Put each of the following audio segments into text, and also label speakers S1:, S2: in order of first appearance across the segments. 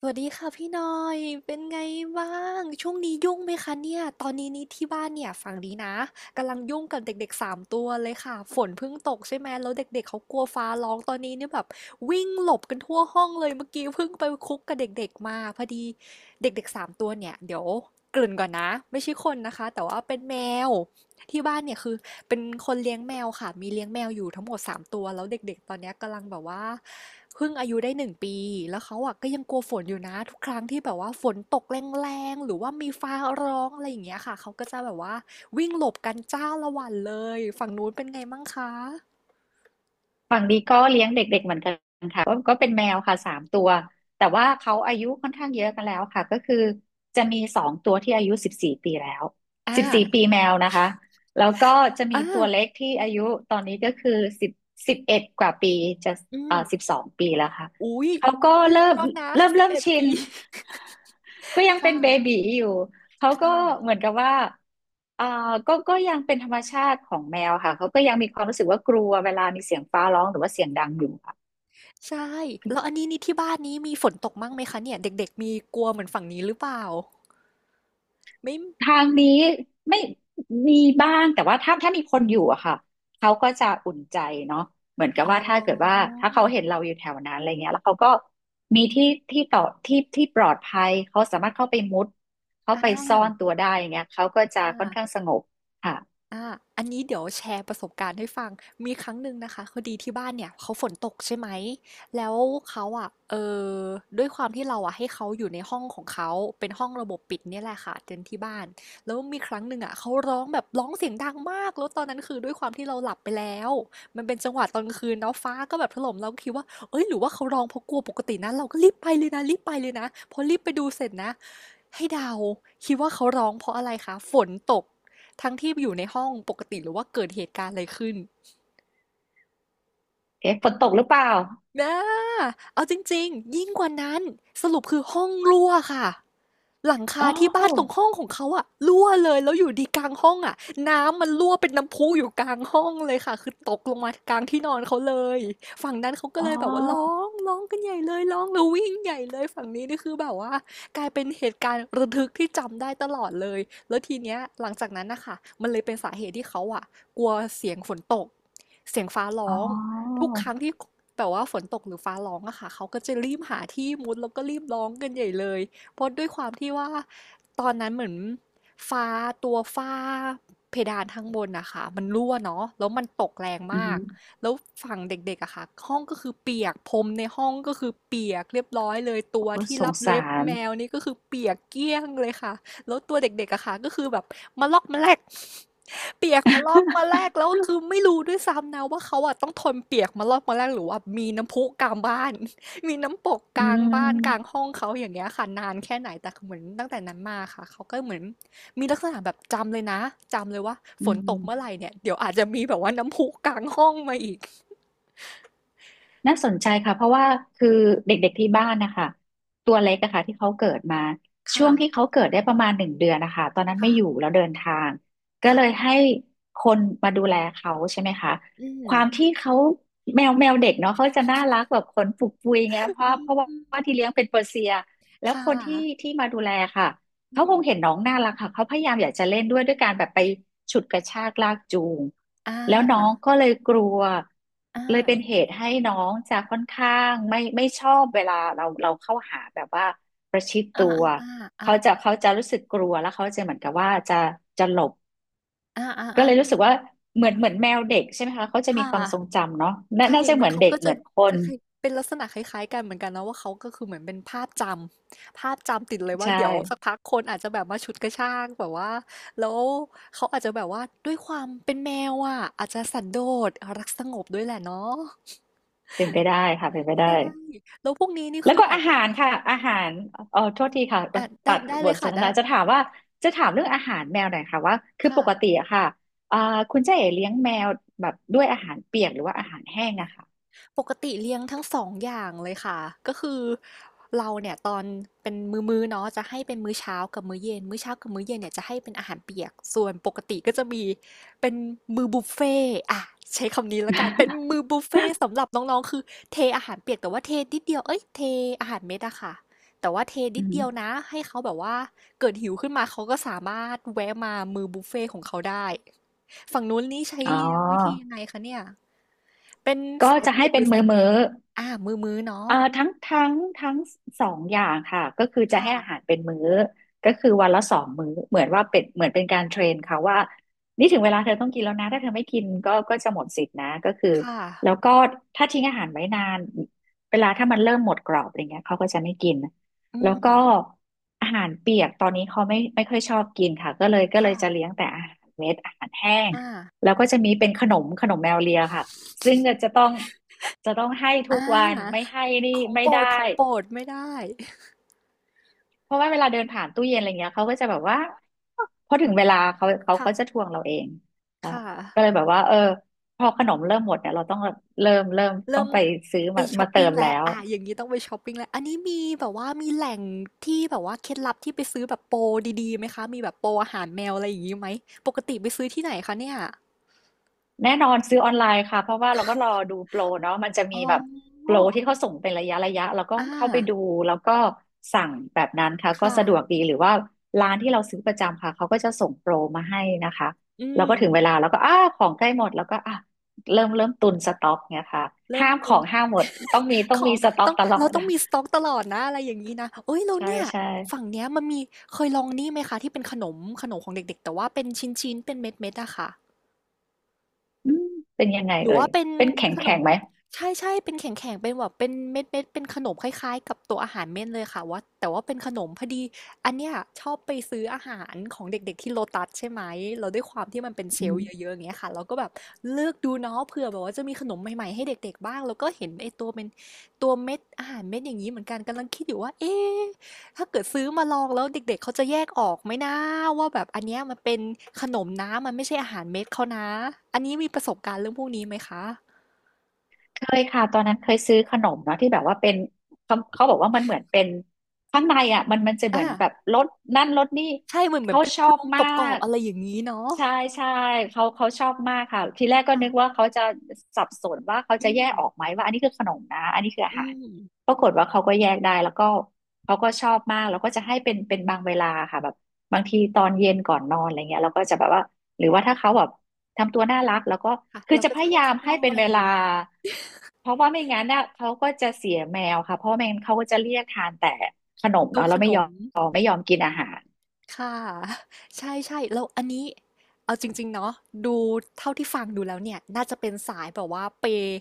S1: สวัสดีค่ะพี่หนอยเป็นไงบ้าง ช่วงนี้ยุ่งไหมคะเนี่ย ตอนนี้นี่ที่บ้านเนี่ยฝั่งนี้นะกำลังยุ่งกับเด็กๆสามตัวเลยค่ะฝนเพิ่งตกใช่ไหมแล้วเด็กๆเขากลัวฟ้าร้องตอนนี้เนี่ยแบบวิ่งหลบกันทั่วห้องเลยเมื่อกี้เพิ่งไปคุกกับเด็กๆมาพอดีเด็กๆสามตัวเนี่ยเดี๋ยวเกริ่นก่อนนะไม่ใช่คนนะคะแต่ว่าเป็นแมวที่บ้านเนี่ยคือเป็นคนเลี้ยงแมวค่ะมีเลี้ยงแมวอยู่ทั้งหมดสามตัวแล้วเด็กๆตอนเนี้ยกำลังแบบว่า เพิ่งอายุได้หนึ่งปีแล้วเขาอะก็ยังกลัวฝนอยู่นะทุกครั้งที่แบบว่าฝนตกแรงๆหรือว่ามีฟ้าร้องอะไรอย่างเงี้ยค่ะเขาก็จะแบบว่าวิ่งหลบกันจ้าละวันเลยฝั่งนู้นเป็นไงมั่งคะ
S2: ฝั่งนี้ก็เลี้ยงเด็กๆเหมือนกันค่ะก็เป็นแมวค่ะ3 ตัวแต่ว่าเขาอายุค่อนข้างเยอะกันแล้วค่ะก็คือจะมี2 ตัวที่อายุสิบสี่ปีแล้ว
S1: อ่า
S2: สิบสี่ปีแมวนะคะแล้วก็จะมี
S1: อ่า
S2: ตัวเล็กที่อายุตอนนี้ก็คือสิบเอ็ดกว่าปีจะ
S1: อืม
S2: 12 ปีแล้วค่ะ
S1: อุ๊ย
S2: เขาก็
S1: ไม่เล็ก
S2: เริ่ม
S1: แล้วนะ
S2: เริ่ม
S1: สิบ
S2: เริ่ม
S1: เอ็ด
S2: ชิน
S1: ปี
S2: ก็ยั งเป็นเบ
S1: ค่ะ
S2: บี๋อยู่ เขาก็
S1: ค่ะ
S2: เหมือนกับว่าอ่าก็ยังเป็นธรรมชาติของแมวค่ะเขาก็ยังมีความรู้สึกว่ากลัวเวลามีเสียงฟ้าร้องหรือว่าเสียงดังอยู่ค่ะ
S1: ใช่แล้วอันนี้นี่ที่บ้านนี้มีฝนตกมั่งไหมคะเนี่ยเด็กๆมีกลัวเหมือนฝั่งนี้หรือเปล่าไม่
S2: ทางนี้ไม่มีบ้างแต่ว่าถ้ามีคนอยู่อะค่ะเขาก็จะอุ่นใจเนาะเหมือนกับ
S1: อ๋
S2: ว่าถ้าเกิดว่า
S1: อ
S2: ถ้าเขาเห็นเราอยู่แถวนั้นอะไรเงี้ยแล้วเขาก็มีที่ที่ปลอดภัยเขาสามารถเข้าไปมุดเขา
S1: อ่
S2: ไปซ่อน
S1: า
S2: ตัวได้อย่างเงี้ยเขาก็จะ
S1: อ่า
S2: ค่อนข้างสงบค่ะ
S1: อาอันนี้เดี๋ยวแชร์ประสบการณ์ให้ฟัง มีครั้งหนึ่งนะคะพอดีที่บ้านเนี่ยเขาฝนตกใช่ไหม แล้วเขาอ่ะอด้วยความที่เราอะให้เขาอยู่ในห้องของเขา เป็นห้องระบบปิดเนี่ยแหละค่ะเต็นท์ที่บ้านแล้วมีครั้งหนึ่งอะเขาร้องแบบร้องเสียงดังมากแล้วตอนนั้นคือด้วยความที่เราหลับไปแล้วมันเป็นจังหวะตอนกลางคืนเนาะฟ้าก็แบบถล่มเราก็คิดว่าเอ้ยหรือว่าเขาร้องเพราะกลัวปกตินะเราก็รีบไปเลยนะรีบไปเลยนะพอรีบไปดูเสร็จนะให้เดาคิดว่าเขาร้องเพราะอะไรคะฝนตก ทั้งที่อยู่ในห้องปกติหรือว่าเกิดเหตุการณ์อะไรขึ้น
S2: เอ๊ะฝนตกหรือเปล่า
S1: อะเอาจริงๆยิ่งกว่านั้นสรุปคือห้องรั่วค่ะหลัง
S2: อ๋
S1: คา
S2: อ
S1: ที่บ้านตรงห้องของเขาอะรั่วเลยแล้วอยู่ดีกลางห้องอะน้ำมันรั่วเป็นน้ำพุอยู่กลางห้องเลยค่ะคือตกลงมากลางที่นอนเขาเลยฝั่งนั้นเขาก็
S2: อ๋
S1: เลยแบบว่าร้อ
S2: อ
S1: งร้องกันใหญ่เลยร้องแล้ววิ่งใหญ่เลยฝั่งนี้นี่คือแบบว่ากลายเป็นเหตุการณ์ระทึกที่จำได้ตลอดเลยแล้วทีเนี้ยหลังจากนั้นนะคะมันเลยเป็นสาเหตุที่เขาอะกลัวเสียงฝนตกเสียงฟ้า
S2: อ๋
S1: ร้อง
S2: อ
S1: ทุกครั้งที่แบบว่าฝนตกหรือฟ้าร้องอะค่ะเขาก็จะรีบหาที่มุดแล้วก็รีบร้องกันใหญ่เลยเพราะด้วยความที่ว่าตอนนั้นเหมือนฟ้าตัวฟ้าเพดานข้างบนนะคะมันรั่วเนาะแล้วมันตกแรง
S2: อืม
S1: มากแล้วฝั่งเด็กๆอะค่ะห้องก็คือเปียกพรมในห้องก็คือเปียกเรียบร้อยเลยตั
S2: โอ้
S1: วที่
S2: สง
S1: รับ
S2: สา
S1: เล็บ
S2: ร
S1: แมวนี่ก็คือเปียกเกลี้ยงเลยค่ะ แล้วตัวเด็กๆอะค่ะก็คือแบบมาลอกมาแลก เปียกมาลอกมาแลกแล้วก็คือไม่รู้ด้วยซ้ำนะว่าเขาอะต้องทนเปียกมาลอกมาแลกหรือว่ามีน้ำพุกลางบ้าน มีน้ำปกก
S2: อื
S1: ลางบ้านกลาง
S2: ม
S1: ห้องเขาอย่างเงี้ยค่ะนานแค่ไหนแต่เหมือนตั้งแต่นั้นมาค่ะเขาก็เหมือนมีลักษณะแบบจำเลยนะจำเลยว่า
S2: อื
S1: ฝนตกเมื่อไห
S2: ม
S1: ร่เนี่ยเดี๋ยวอาจจะมีแบบว่าน้ำพุกลางห้องมาอีก
S2: น่าสนใจค่ะ เพราะว่าคือเด็กๆที่บ้านนะคะตัวเล็กอะค่ะที่เขาเกิดมา ช่ว
S1: ค่ะ
S2: งที่เขาเกิดได้ประมาณ1 เดือนนะคะตอนนั้นไม่อยู่
S1: ค่ะ
S2: แล้วเดินทางก็
S1: ค่ะ
S2: เลยให้คนมาดูแลเขาใช่ไหมคะ
S1: อืม
S2: ความที่เขาแมวเด็กเนาะเขาจะน่ารักแบบขนปุกปุยไงเพ
S1: อื
S2: ราะเพราะว่าที่
S1: ม
S2: เลี้ยงเป็นเปอร์เซียแล้ว
S1: ค่ะ
S2: คนที่ที่มาดูแลค่ะ
S1: อื
S2: เขาค
S1: ม
S2: งเห็นน้องน่ารักค่ะเขาพยายามอยากจะเล่นด้วยด้วยการแบบไปฉุดกระชากลากจูง
S1: อ
S2: แล้วน้อง
S1: า
S2: ก็เลยกลัว
S1: อา
S2: เลยเป็นเหตุให้น้องจะค่อนข้างไม่ชอบเวลาเราเข้าหาแบบว่าประชิด
S1: อา
S2: ตัว
S1: อ่าอ่า
S2: เขาจะรู้สึกกลัวแล้วเขาจะเหมือนกับว่าจะหลบ
S1: อ
S2: ก็
S1: า
S2: เลยรู้
S1: ๆ
S2: สึกว่าเหมือนเหมือนแมวเด็กใช่ไหมคะเขาจะ
S1: ๆ
S2: มี
S1: ค่ะ
S2: ความทรงจำเนาะน่า
S1: ใช่
S2: น่าจะ
S1: เห
S2: เห
S1: มือ
S2: มื
S1: น
S2: อน
S1: เขา
S2: เด็ก
S1: ก็
S2: เห
S1: จะ
S2: มือนคน
S1: จะคล้ายเป็นลักษณะคล้ายๆกันเหมือนกันเนาะว่าเขาก็คือเหมือนเป็นภาพจำติดเลยว่า
S2: ใช่
S1: เดี๋ยวสักพักคนอาจจะแบบมาฉุดกระชากแบบว่าแล้วเขาอาจจะแบบว่าด้วยความเป็นแมวอะอาจจะสันโดษรักสงบด้วยแหละเนาะ
S2: เป็นไปได้ค่ะเป็นไปได้
S1: ใช่แล้วพวกนี้นี่
S2: แล้ว
S1: คือ
S2: ก็
S1: แบ
S2: อา
S1: บ
S2: หารค่ะอาหารเออโทษทีค่ะ
S1: อาได้
S2: ตัด
S1: ได้
S2: บ
S1: เล
S2: ท
S1: ย
S2: ส
S1: ค่ะ
S2: นท
S1: ได้
S2: นาจะถามว่าจะถามเรื่องอาหารแมวหน่อยค่ะว่าคือป
S1: ค่ะ
S2: กติอะค่ะอ่าคุณเจ๊เอ๋เลี้ยงแมวแบบด้วยอาหารเปียกหรือว่าอาหารแห้งอะค่ะ
S1: ปกติเลี้ยงทั้งสององอย่างเลยค่ะก็คือเราเนี่ยตอนเป็นมื้อๆเนาะจะให้เป็นมื้อเช้ากับมื้อเย็นมื้อเช้ากับมื้อเย็นเนี่ยจะให้เป็นอาหารเปียกส่วนปกติก็จะมีเป็นมื้อบุฟเฟ่ต์อ่ะใช้คำนี้แล้วกันเป็นมื้อบุฟเฟ่ต์สำหรับน้องๆคือเทอาหารเปียกแต่ว่าเทนิดเดียวเอ้ยเทอาหารเม็ดอะค่ะแต่ว่าเทนิ
S2: อื
S1: ด
S2: ม
S1: เดียวนะให้เขาแบบว่าเกิดหิวขึ้นมาเขาก็สามารถแวะมามื้อบุฟเฟ่ต์ของเขาได้ ฝั่งนู้นนี่ใช้
S2: อ๋อ
S1: เลี้ยงวิธียังไงคะเนี่ย เป็น
S2: ก็
S1: สาย
S2: จะ
S1: เปี
S2: ให้
S1: ยกห
S2: เป็
S1: รื
S2: น
S1: อสา
S2: มื้อ
S1: ย
S2: มื้
S1: เม็ด
S2: อ
S1: มืือๆเนาะ
S2: ทั้ง2 อย่างค่ะก็คือจะให้อา
S1: ค่ะ
S2: หารเป็นมื้อก็คือวันละ2 มื้อเหมือนว่าเป็นเหมือนเป็นการเทรนเขาว่านี่ถึงเวลาเธอต้องกินแล้วนะถ้าเธอไม่กินก็จะหมดสิทธินะก็คือ
S1: ค่ะ
S2: แล้วก็ถ้าทิ้งอาหารไว้นานเวลาถ้ามันเริ่มหมดกรอบอะไรเงี้ยเขาก็จะไม่กิน
S1: อื
S2: แล้ว
S1: ม
S2: ก็อาหารเปียกตอนนี้เขาไม่ค่อยชอบกินค่ะก็เลยจะเลี้
S1: ค่ะ
S2: ยงแต่อาหารเม็ดอาหารแห้ง
S1: อา
S2: แล้วก็จะมีเป็นขนมขนมแมวเลียค่ะ ซึ่งเนี่ยจะต้องให้ทุก
S1: อา
S2: วันไม่ให้นี่
S1: ของ
S2: ไม่
S1: โปร
S2: ได้
S1: ดไม่ได้
S2: เพราะว่าเวลาเดินผ่านตู้เย็นอะไรเงี้ยเขาก็จะแบบว่าพอถึงเวลาเขาจะท
S1: ค่ะ
S2: วงเราเองแล้ว
S1: ค่ะ
S2: ก็เลยแบบว่าเออพอขนมเริ่มหมดเนี่ยเราต้องเริ่มต้อ
S1: เริ่
S2: ง
S1: ม
S2: ไปซื้อ
S1: ไป
S2: มา
S1: ช
S2: มา
S1: อป
S2: เติ
S1: ปิง
S2: มแล้
S1: แล้ว
S2: ว
S1: อาอย่างงี้ต้องไปชอปปิงแล้วอันนี้มีแบบว่ามีแหล่งที่แบบว่าเคล็ดลับที่ไปซื้อแบบโปรดีๆไหมคะมีแบบโปรอาหารแมวอะไรอย่างงี้ไหม ปกติไปซื้อที่ไหนคะเนี่ย
S2: แน่นอนซื้อออนไลน์ค่ะเพราะว่าเราก็รอดูโปรเนาะมันจะ
S1: อ๋
S2: มี
S1: อ
S2: แบบโปรที่เขาส่งเป็นระยะระยะเราก็
S1: อา
S2: เข้าไปดูแล้วก็สั่งแบบนั้นค่ะก็
S1: ค่ะ
S2: สะดวกดีหรือว่าร้านที่เราซื้อประจำค่ะเขาก็จะส่งโปรมาให้นะคะ
S1: อื
S2: เราก็
S1: ม
S2: ถึงเวลาเราก็อ้าของใกล้หมดแล้วก็อ่ะเริ่มตุนสต็อกเนี่ยค่ะ
S1: เริ่
S2: ห้า
S1: ม
S2: มข
S1: ตุ
S2: อ
S1: ง
S2: งห้ามหมดต้องมีต้อง
S1: ขอ
S2: มี
S1: ง
S2: สต็อก
S1: ต้อง
S2: ตลอด
S1: มีสต๊อกตลอดนะอะไรอย่างงี้นะเฮ้ยแล้ ว
S2: ใช่
S1: เนี่ย
S2: ใช่
S1: ฝั่งเนี้ยมันมีเคยลองนี่ไหมคะที่เป็นขนมขนมของเด็กๆแต่ว่าเป็นชิ้นๆเป็นเม็ดๆอะค่ะ
S2: อืมเป็นยังไง
S1: หรือ
S2: เอ่
S1: ว่า
S2: ย
S1: เป็น
S2: เป็นแข็ง
S1: ขน
S2: แข็
S1: ม
S2: งไหม
S1: ใช่ๆเป็นแข็งๆเป็นแบบเป็นเม็ดเป็นขนมคล้ายๆกับตัวอาหารเม่นเลยค่ะว่าแต่ว่าเป็นขนมพอดีอันเนี้ยชอบไปซื้ออาหารของเด็กๆที่โ Lotus ใช่ไหมเราด้วยความที่มันเป็นเชลล์เยอะๆอย่างเงี้ยค่ะเราก็แบบเลือกดูเนาะเผื่อแบบว่าจะมีขนมใหม่ๆให้เด็กๆบ้างแล้วก็เห็นไอ้ตัวเป็นเม็ดอาหารเม็ดอย่างนี้เหมือนกันกำลังคิดอยู่ว่าเอ๊ะ ถ้าเกิดซื้อมาลองแล้วเด็กๆเขาจะแยกออกไหมนะว่าแบบอันเนี้ยมันเป็นขนมนะมันไม่ใช่อาหารเม็ดเขานะอันนี้มีประสบการณ์เรื่องพวกนี้ไหมคะ
S2: เคยค่ะตอนนั้นเคยซื้อขนมเนาะที่แบบว่าเป็นเขาบอกว่ามันเหมือนเป็นข้างในอ่ะมันจะเหมื
S1: อา
S2: อนแบบรสนั่นรสนี่
S1: ใช่เหมือน
S2: เขา
S1: เป็น
S2: ช
S1: โพ
S2: อ
S1: ร
S2: บ
S1: งก
S2: มา
S1: รอบ
S2: ก
S1: ๆอะไรอย่างงี้เนาะ
S2: ใช่ใช่เขาชอบมากค่ะทีแรกก็นึก
S1: ค่ะ
S2: ว่าเขาจะสับสนว่าเขาจะ
S1: อื
S2: แยก
S1: ม
S2: ออกไหมว่าอันนี้คือขนมนะอันนี้คืออา
S1: อื
S2: หาร
S1: ม
S2: ปรากฏว่าเขาก็แยกได้แล้วก็เขาก็ชอบมากแล้วก็จะให้เป็นบางเวลาค่ะแบบบางทีตอนเย็นก่อนนอนอะไรเงี้ยเราก็จะแบบว่าหรือว่าถ้าเขาแบบทำตัวน่ารักแล้วก็
S1: ค่ะ
S2: คือ
S1: เรา
S2: จะ
S1: ก็
S2: พ
S1: จะ
S2: ยา
S1: ให้
S2: ยาม
S1: เขาห
S2: ให้เป็น
S1: น่อ
S2: เว
S1: ย
S2: ลา เพราะว่าไม่งั้นน่ะเขาก็จะเสียแมวค่ะเพราะไม่งั้นเขาก็จะเรียกทานแต่ขนม
S1: ตัว
S2: เนาะแล้
S1: ข
S2: วไม่
S1: น
S2: ยอ
S1: ม
S2: มไม่ยอมกินอาหาร
S1: ค่ะ ใช่ๆแล้วอันนี้เอาจริงๆเนาะดูเท่าที่ฟังดูแล้วเนี่ยน่าจะเป็นสายแบบว่าเปย์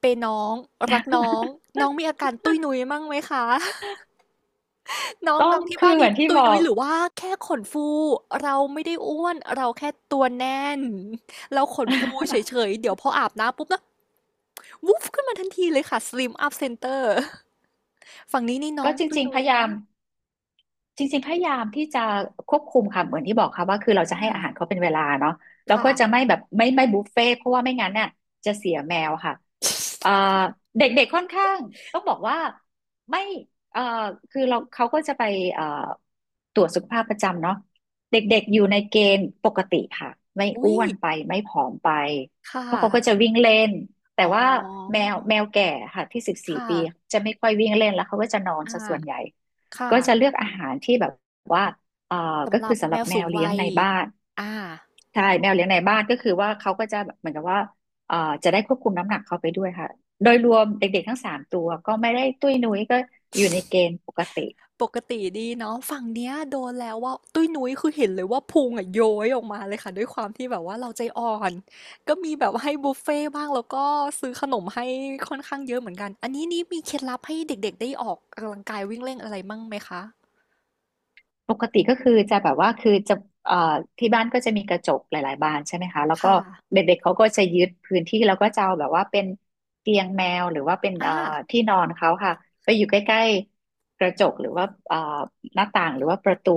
S1: น้องรักน้องน้องมีอาการตุ้ยนุ้ยมั่งไหมคะ น้อง
S2: ต้อ
S1: น้
S2: ง
S1: องที่
S2: คือ
S1: บ้าน
S2: เห
S1: นี้
S2: มือนที่
S1: ตุย
S2: บอ
S1: นุ้ย
S2: ก
S1: หรือว่าแค่ขนฟูเราไม่ได้อ้วนเราแค่ตัวแน่นเราขนฟูเฉ ยๆเดี๋ยวพออาบน้ำปุ๊บนะวุบขึ้นมาทันทีเลยค่ะ Slim Up Center ฝั่งนี้นี่น้อ
S2: ก็
S1: ง
S2: จ
S1: ตุ้ย
S2: ริงๆพ
S1: นุ้ย
S2: ยายา
S1: เนาะ
S2: มจริงๆพยายามที่จะควบคุมค่ะเหมือนที่บอกค่ะว่าคือเราจะให้อาหาร
S1: อา
S2: เขาเป็นเวลาเนาะแล้ว
S1: ค่ะ
S2: ก็จะไม่แบบไม่บุฟเฟ่ต์เพราะว่าไม่งั้นน่ะจะเสียแมวค่ะเอ่อเด็กๆค่อนข้างต้องบอกว่าไม่เอ่อคือเราเขาก็จะไปเอ่อ ตรวจสุขภาพประจำเนาะเด็กๆอยู่ในเกณฑ์ปกติค่ะไม่
S1: อุ๊
S2: อ้
S1: ย
S2: วนไปไม่ผอมไป
S1: ค่
S2: เพราะเขาก็จะ
S1: ะ
S2: วิ่งเล่นแต่
S1: อ๋อ
S2: ว่าแมวแก่ค่ะที่สิบสี่
S1: ค่ะ
S2: ปีจะไม่ค่อยวิ่งเล่นแล้วเขาก็จะนอน
S1: อ
S2: ซะส่วนใหญ่
S1: าค่ะ
S2: ก็จะเลือกอาหารที่แบบว่าเอ่อก็
S1: สำห
S2: คื
S1: รั
S2: อ
S1: บ
S2: สำห
S1: แม
S2: รับ
S1: ว
S2: แม
S1: สู
S2: ว
S1: ง
S2: เลี้ย
S1: วั
S2: ง
S1: ย
S2: ในบ้าน
S1: อา
S2: ใช่แมวเลี้ยงในบ้านก็คือว่าเขาก็จะแบบเหมือนกับว่าเอ่อจะได้ควบคุมน้ำหนักเขาไปด้วยค่ะโดยรวมเด็กๆทั้งสามตัวก็ไม่ได้ตุ้ยนุ้ยก็อยู่ในเกณฑ์ปกติ
S1: ปกติดีเนาะฝั่งเนี้ยโดนแล้วว่าตุ้ยนุ้ยคือเห็นเลยว่าพุงอะโย้ยออกมาเลยค่ะด้วยความที่แบบว่าเราใจอ่อนก็มีแบบว่าให้บุฟเฟ่ต์บ้างแล้วก็ซื้อขนมให้ค่อนข้างเยอะเหมือนกันอันนี้นี่มีเคล็ดลับให้เด็กๆได้ออกกำลังกายวิ่งเล่นอะไรมั่งไหมคะ
S2: ปกติก็คือจะแบบว่าคือจะเอ่อที่บ้านก็จะมีกระจกหลายๆบานใช่ไหมคะแล้วก็
S1: ค่ะ
S2: เด็กๆเขาก็จะยึดพื้นที่แล้วก็จะเอาแบบว่าเป็นเตียงแมวหรือว่าเป็น
S1: อ่า
S2: ที่นอนเขาค่ะไปอยู่ใกล้ๆกระจกหรือว่าหน้าต่างหรือว่าประตู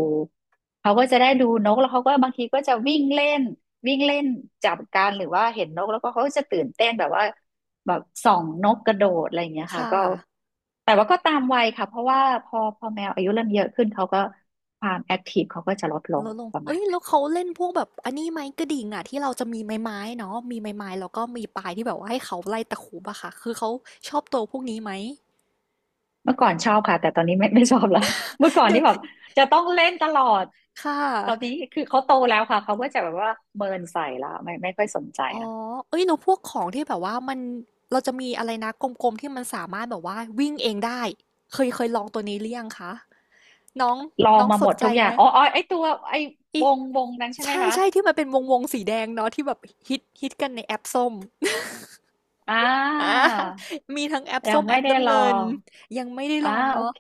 S2: เขาก็จะได้ดูนกแล้วเขาก็บางทีก็จะวิ่งเล่นวิ่งเล่นจับกันหรือว่าเห็นนกแล้วก็เขาก็จะตื่นเต้นแบบว่าแบบส่องนกกระโดดอะไรอย่างเงี้ยค่ะ
S1: ค่ะ
S2: ก็แต่ว่าก็ตามวัยค่ะเพราะว่าพอแมวอายุเริ่มเยอะขึ้นเขาก็ ความแอคทีฟเขาก็จะลดลง
S1: ลดลง
S2: ประมา
S1: เอ้
S2: ณ
S1: ย
S2: นั้
S1: แล้
S2: น
S1: วเขาเล่นพวกแบบอันนี้ไหมกระดิ่งอะที่เราจะมีไม้เนาะมีไม้แล้วก็มีปลายที่แบบว่าให้เขาไล่ตะขูบอะค่ะคือเขาชอบตัวพวกนี้ไหม
S2: เมื่อก่อนชอบค่ะแต่ตอนนี้ ไม่ชอบละ เมื่อก่อน
S1: เดี๋ย
S2: ที่
S1: ว
S2: แบบจะต้องเล่นตลอด
S1: ค่ะ
S2: ตอนนี้คือเขาโตแล้วค่ะเขาก็จะแบบว่าเมินใส่ละไม่ค่อยสนใจ
S1: อ๋อ
S2: ละ
S1: เอ้ยแล้วพวกของที่แบบว่ามัน เราจะมีอะไรนะกลมๆที่มันสามารถแบบว่าวิ่งเองได้ เคยลองตัวนี้หรือยังคะน้อง
S2: ลอง
S1: น้อง
S2: มา
S1: ส
S2: หม
S1: น
S2: ด
S1: ใจ
S2: ทุกอย่า
S1: ไหม
S2: งอ๋ออ๋อไอตัวไอ
S1: อิ
S2: วงนั้นใช่
S1: ใ
S2: ไหมคะ
S1: ช่ๆที่มันเป็นวงๆสีแดงเนาะที่แบบฮิตกันในแอปส้ม
S2: อ่า
S1: อามีทั้งแอป
S2: ยั
S1: ส้
S2: ง
S1: มแอ
S2: ไม่
S1: ป
S2: ได้
S1: น้ำ
S2: ลอ
S1: เงิน
S2: ง
S1: ยังไม่ได้ล
S2: อ่า
S1: อง
S2: โอ
S1: เนาะ
S2: เค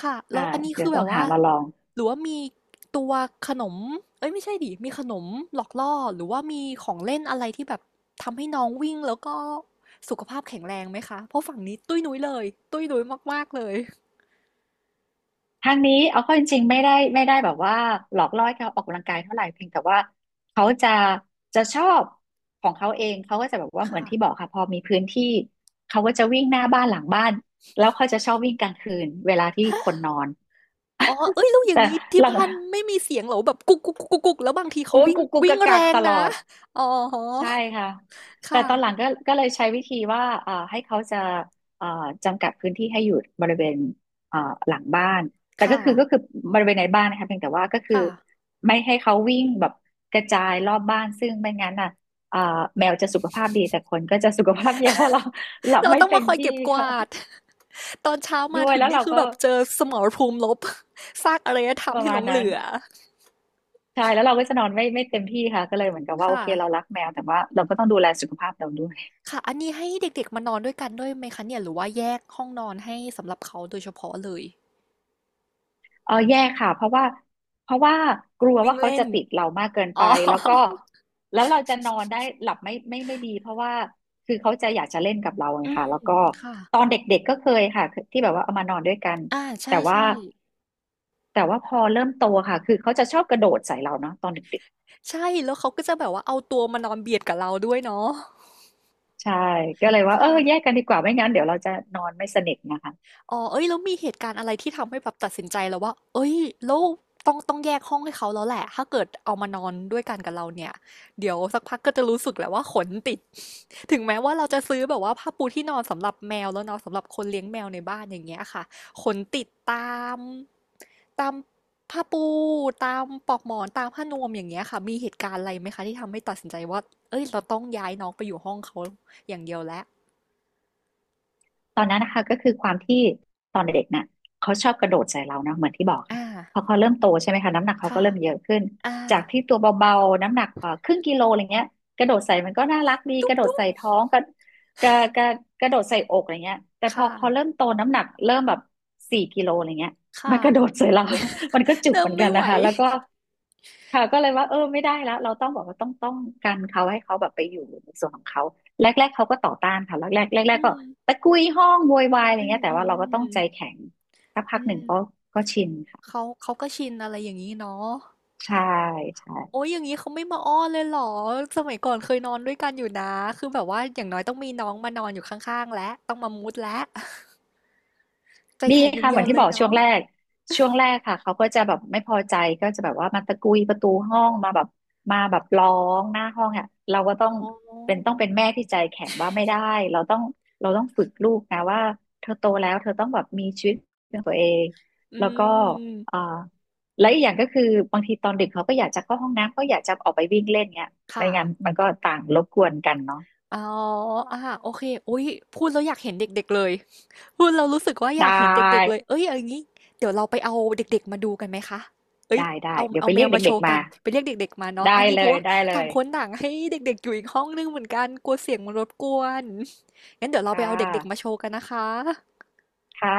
S1: ค่ะแล้
S2: อ่า
S1: วอันนี้
S2: เดี๋
S1: คื
S2: ยว
S1: อแบ
S2: ต้อ
S1: บ
S2: งหา
S1: ว่า
S2: มาลอง
S1: หรือว่ามีตัวขนมเอ้ยไม่ใช่ดิมีขนมหลอกล่อหรือว่ามีของเล่นอะไรที่แบบทำให้น้องวิ่งแล้วก็สุขภาพแข็งแรงไหมคะเพราะฝั่งนี้ตุ้ยนุ้ยเลยตุ้ยนุ้ยมากๆเลย
S2: ทางนี้เอาเข้าจริงๆไม่ได้แบบว่าหลอกล่อให้เขาออกกำลังกายเท่าไหร่เพียงแต่ว่าเขาจะชอบของเขาเองเขาก็จะแบบว่าเหมือน
S1: ค่ะ
S2: ที่บอกค่ะพอมีพื้นที่เขาก็จะวิ่งหน้าบ้านหลังบ้านแล้วเขาจะชอบวิ่งกลางคืนเวลาที่คนน อน
S1: อ๋อเอ้ยแล้วอย่า
S2: แต่
S1: งนี้ที่
S2: หลัง
S1: บ้านไม่มีเสียงเหรอแบบกุกกุกกุกกุกกุกแล้วบางที
S2: โอ้
S1: เขา
S2: ย
S1: วิ่ง
S2: กุกกุก
S1: วิ่
S2: กั
S1: ง
S2: ก
S1: แร
S2: กัก
S1: ง
S2: ตล
S1: นะ
S2: อด
S1: อ๋อ
S2: ใช่ค่ะแต่
S1: ค่ะ
S2: ตอนหลังก็เลยใช้วิธีว่าให้เขาจะเอ่อจำกัดพื้นที่ให้อยู่บริเวณเอ่อหลังบ้าน แต่ก็
S1: ค่ะ
S2: คือก็คือบริเวณในบ้านนะคะเพียงแต่ว่าก็คือ
S1: ค่ะ
S2: ไม่ให้เขาวิ่งแบบกระจายรอบบ้านซึ่งไม่งั้นอ่ะเอ่อแมวจะสุขภาพดีแต่คนก็จะสุขภาพแย่เพราะเราหลับ
S1: เรา
S2: ไม่
S1: ต้อง
S2: เต็
S1: มา
S2: ม
S1: คอย
S2: ที่
S1: เก็บก
S2: ค่ะ
S1: วาด ตอนเช้า
S2: ด้
S1: มา
S2: วย
S1: ถึง
S2: แล้ว
S1: นี่
S2: เรา
S1: คือ
S2: ก็
S1: แบบเจอสมรภูมิลบ ซากอารยธรร
S2: ป
S1: ม
S2: ระ
S1: ที่ห
S2: มา
S1: ล
S2: ณ
S1: งเห
S2: นั้น
S1: ลือ
S2: ใช่แล้วเราก็จะนอนไม่เต็มที่ค่ะก็เลยเหมือนกับ
S1: ค
S2: ว่าโอเคเรารั
S1: ่ะ
S2: กแมวแต่ว่าเราก็ต้องดูแลสุขภาพเราด้วย
S1: ค่ะอันนี้ให้เด็กๆมานอนด้วยกันด้วยไหมคะเนี่ยหรือว่าแยกห้องนอนให้สำหรับเขาโดยเฉพาะเลย
S2: เออแย่ค่ะเพราะว่ากลัว
S1: วิ่
S2: ว่า
S1: ง
S2: เขา
S1: เล่
S2: จะ
S1: น
S2: ติดเรามากเกินไป
S1: อ๋อ
S2: แล้วก็แล้วเราจะนอนได้หลับไม่ดีเพราะว่าคือเขาจะอยากจะเล่นกับเราไงค่ะแล้ ว
S1: อื
S2: ก็
S1: มค่ะ
S2: ตอนเด็กๆก็เคยค่ะที่แบบว่าเอามานอนด้วยกัน
S1: อ่า
S2: แต่
S1: ใช่
S2: ว่า
S1: ใช่
S2: แต่ว่าพอเริ่มโตค่ะคือเขาจะชอบกระโดดใส่เราเนาะตอนเด็ก
S1: ใช่แล้วเขาก็จะแบบว่าเอาตัวมานอนเบียดกับเราด้วยเนาะ
S2: ๆใช่ก็เลยว่าเออ
S1: ค่ะ
S2: แยกกันดีกว่าไม่งั้นเดี๋ยวเราจะนอนไม่สนิทนะคะ
S1: อ๋อเอ้ยแล้วมีเหตุการณ์อะไรที่ทำให้แบบตัดสินใจแล้วว่าเอ้ยแล้วต้องแยกห้องให้เขาแล้วแหละถ้าเกิดเอามานอนด้วยกันกับเราเนี่ยเดี๋ยวสักพักก็จะรู้สึกแหละว่าขนติด ถึงแม้ว่าเราจะซื้อแบบว่าผ้าปูที่นอนสำหรับแมวแล้วเนาะสำหรับคนเลี้ยงแมวในบ้านอย่างเงี้ยค่ะขนติดตามผ้าปูตามปลอกหมอนตามผ้านวมอย่างเงี้ยค่ะมีเหตุการณ์อะไรไหมคะที่ทำให้ตัดสินใจว่าเอ้ยเราต้องย้ายน้องไปอยู่ห้องเขาอย่างเดียวแล้ว
S2: ตอนนั้นนะคะก็คือความที่ตอนเด็กๆน่ะเขาชอบกระโดดใส่เราเนาะเหมือนที่บอกค่ะ
S1: อ่า
S2: พอเขาเริ่มโตใช่ไหมคะน้ำหนักเขาก็
S1: ค่ะ
S2: เริ่มเยอะขึ้น
S1: อ่า
S2: จากที่ตัวเบาๆน้ำหนักครึ่งกิโลอะไรเงี้ยกระโดดใส่มันก็น่ารักดีก
S1: ตุ๊บ
S2: ระโดด
S1: ตุ๊บ
S2: ใส่ท้องกระกระกระโดดใส่อกอะไรเงี้ยแต่พอ
S1: ค่ะ
S2: เขาเริ่มโตน้ำหนักเริ่มแบบ4 กิโลอะไรเงี้ยมั
S1: ค่ะ
S2: นกระโดดใส่เรา มันก็จุก
S1: เริ่
S2: เห
S1: ม
S2: มือนกั
S1: ไม่
S2: น
S1: ไหว
S2: นะคะแล้วก็ ค่ะก็เลยว่าเออไม่ได้แล้วเราต้องบอกว่าต้องกันเขาให้เขาแบบไปอยู่ในส่วนของเขาแรกๆเขาก็ต่อต้านค่ะแรกๆแรก
S1: อื
S2: ๆก็
S1: ม
S2: ตะกุยห้องโวยวายอะไร
S1: อืม
S2: เงี้ยแต่
S1: อืม
S2: ว่าเราก็
S1: อ
S2: ต้อง
S1: ม
S2: ใจแข็งสักพั
S1: อื
S2: กหนึ่งก็
S1: ม
S2: ก็ชินค่ะ
S1: เขาก็ชินอะไรอย่างงี้เนาะ
S2: ใช่ใช่
S1: โอ๊ยอย่างงี้เขาไม่มาอ้อนเลยเหรอสมัยก่อนเคยนอนด้วยกันอยู่นะคือแบบว่าอย่างน้อยต้องมีน้องมานอนอยู่ข้างๆแล้วต้องมามูดแล้วใจ
S2: มี
S1: แข็งอย่าง
S2: ค่ะเห
S1: เดี
S2: มื
S1: ย
S2: อ
S1: ว
S2: นที่
S1: เล
S2: บ
S1: ย
S2: อกช่ว
S1: เนาะ
S2: งแรกช่วงแรกค่ะเขาก็จะแบบไม่พอใจก็จะแบบว่ามาตะกุยประตูห้องมาแบบร้องหน้าห้องอ่ะเราก็ต้อ
S1: อ๋
S2: ง
S1: อ
S2: เป็นต้องเป็นแม่ที่ใจแข็งว่าไม่ได้เราต้องเราต้องฝึกลูกนะว่าเธอโตแล้วเธอต้องแบบมีชีวิตเป็นตัวเอง
S1: อื
S2: แล้วก็เอ่อ
S1: ม
S2: และอีกอย่างก็คือบางทีตอนดึกเขาก็อยากจะเข้าห้องน้ำก็อยากจะออกไปวิ่งเล่นเงี้ยไม่
S1: ค่ะ
S2: งั้นมันก็ต่างรบกวนกันเนาะ
S1: อ๋ออาโอเคอุ๊ยพูดแล้วอยากเห็นเด็กๆเลย พูดแล้วรู้สึกว่าอ
S2: ได
S1: ยากเห็นเด็กๆ เล
S2: ้
S1: ยเอ้ยเอาอย่างงี้เดี๋ยวเราไปเอาเด็กๆ มาดูกันไหมคะเอ้ย
S2: ได้ได้
S1: เอา
S2: เดี๋ยวไป
S1: แม
S2: เรีย
S1: ว
S2: ก
S1: มาโช
S2: เด็ก
S1: ว์
S2: ๆ
S1: กั
S2: มา
S1: นไปเรียกเด็กๆมาเนาะ
S2: ได้
S1: อันนี้
S2: เล
S1: เพราะ
S2: ย
S1: ว่า
S2: ได้เล
S1: ต่าง
S2: ย
S1: คนต่างให้เด็กๆ อยู่อีกห้องหนึ่งเหมือนกันกลัวเสียงมันรบกวนงั้นเดี๋ยวเราไป
S2: ค่ะ
S1: เอาเด็กๆมาโชว์กันนะคะ
S2: ค่ะ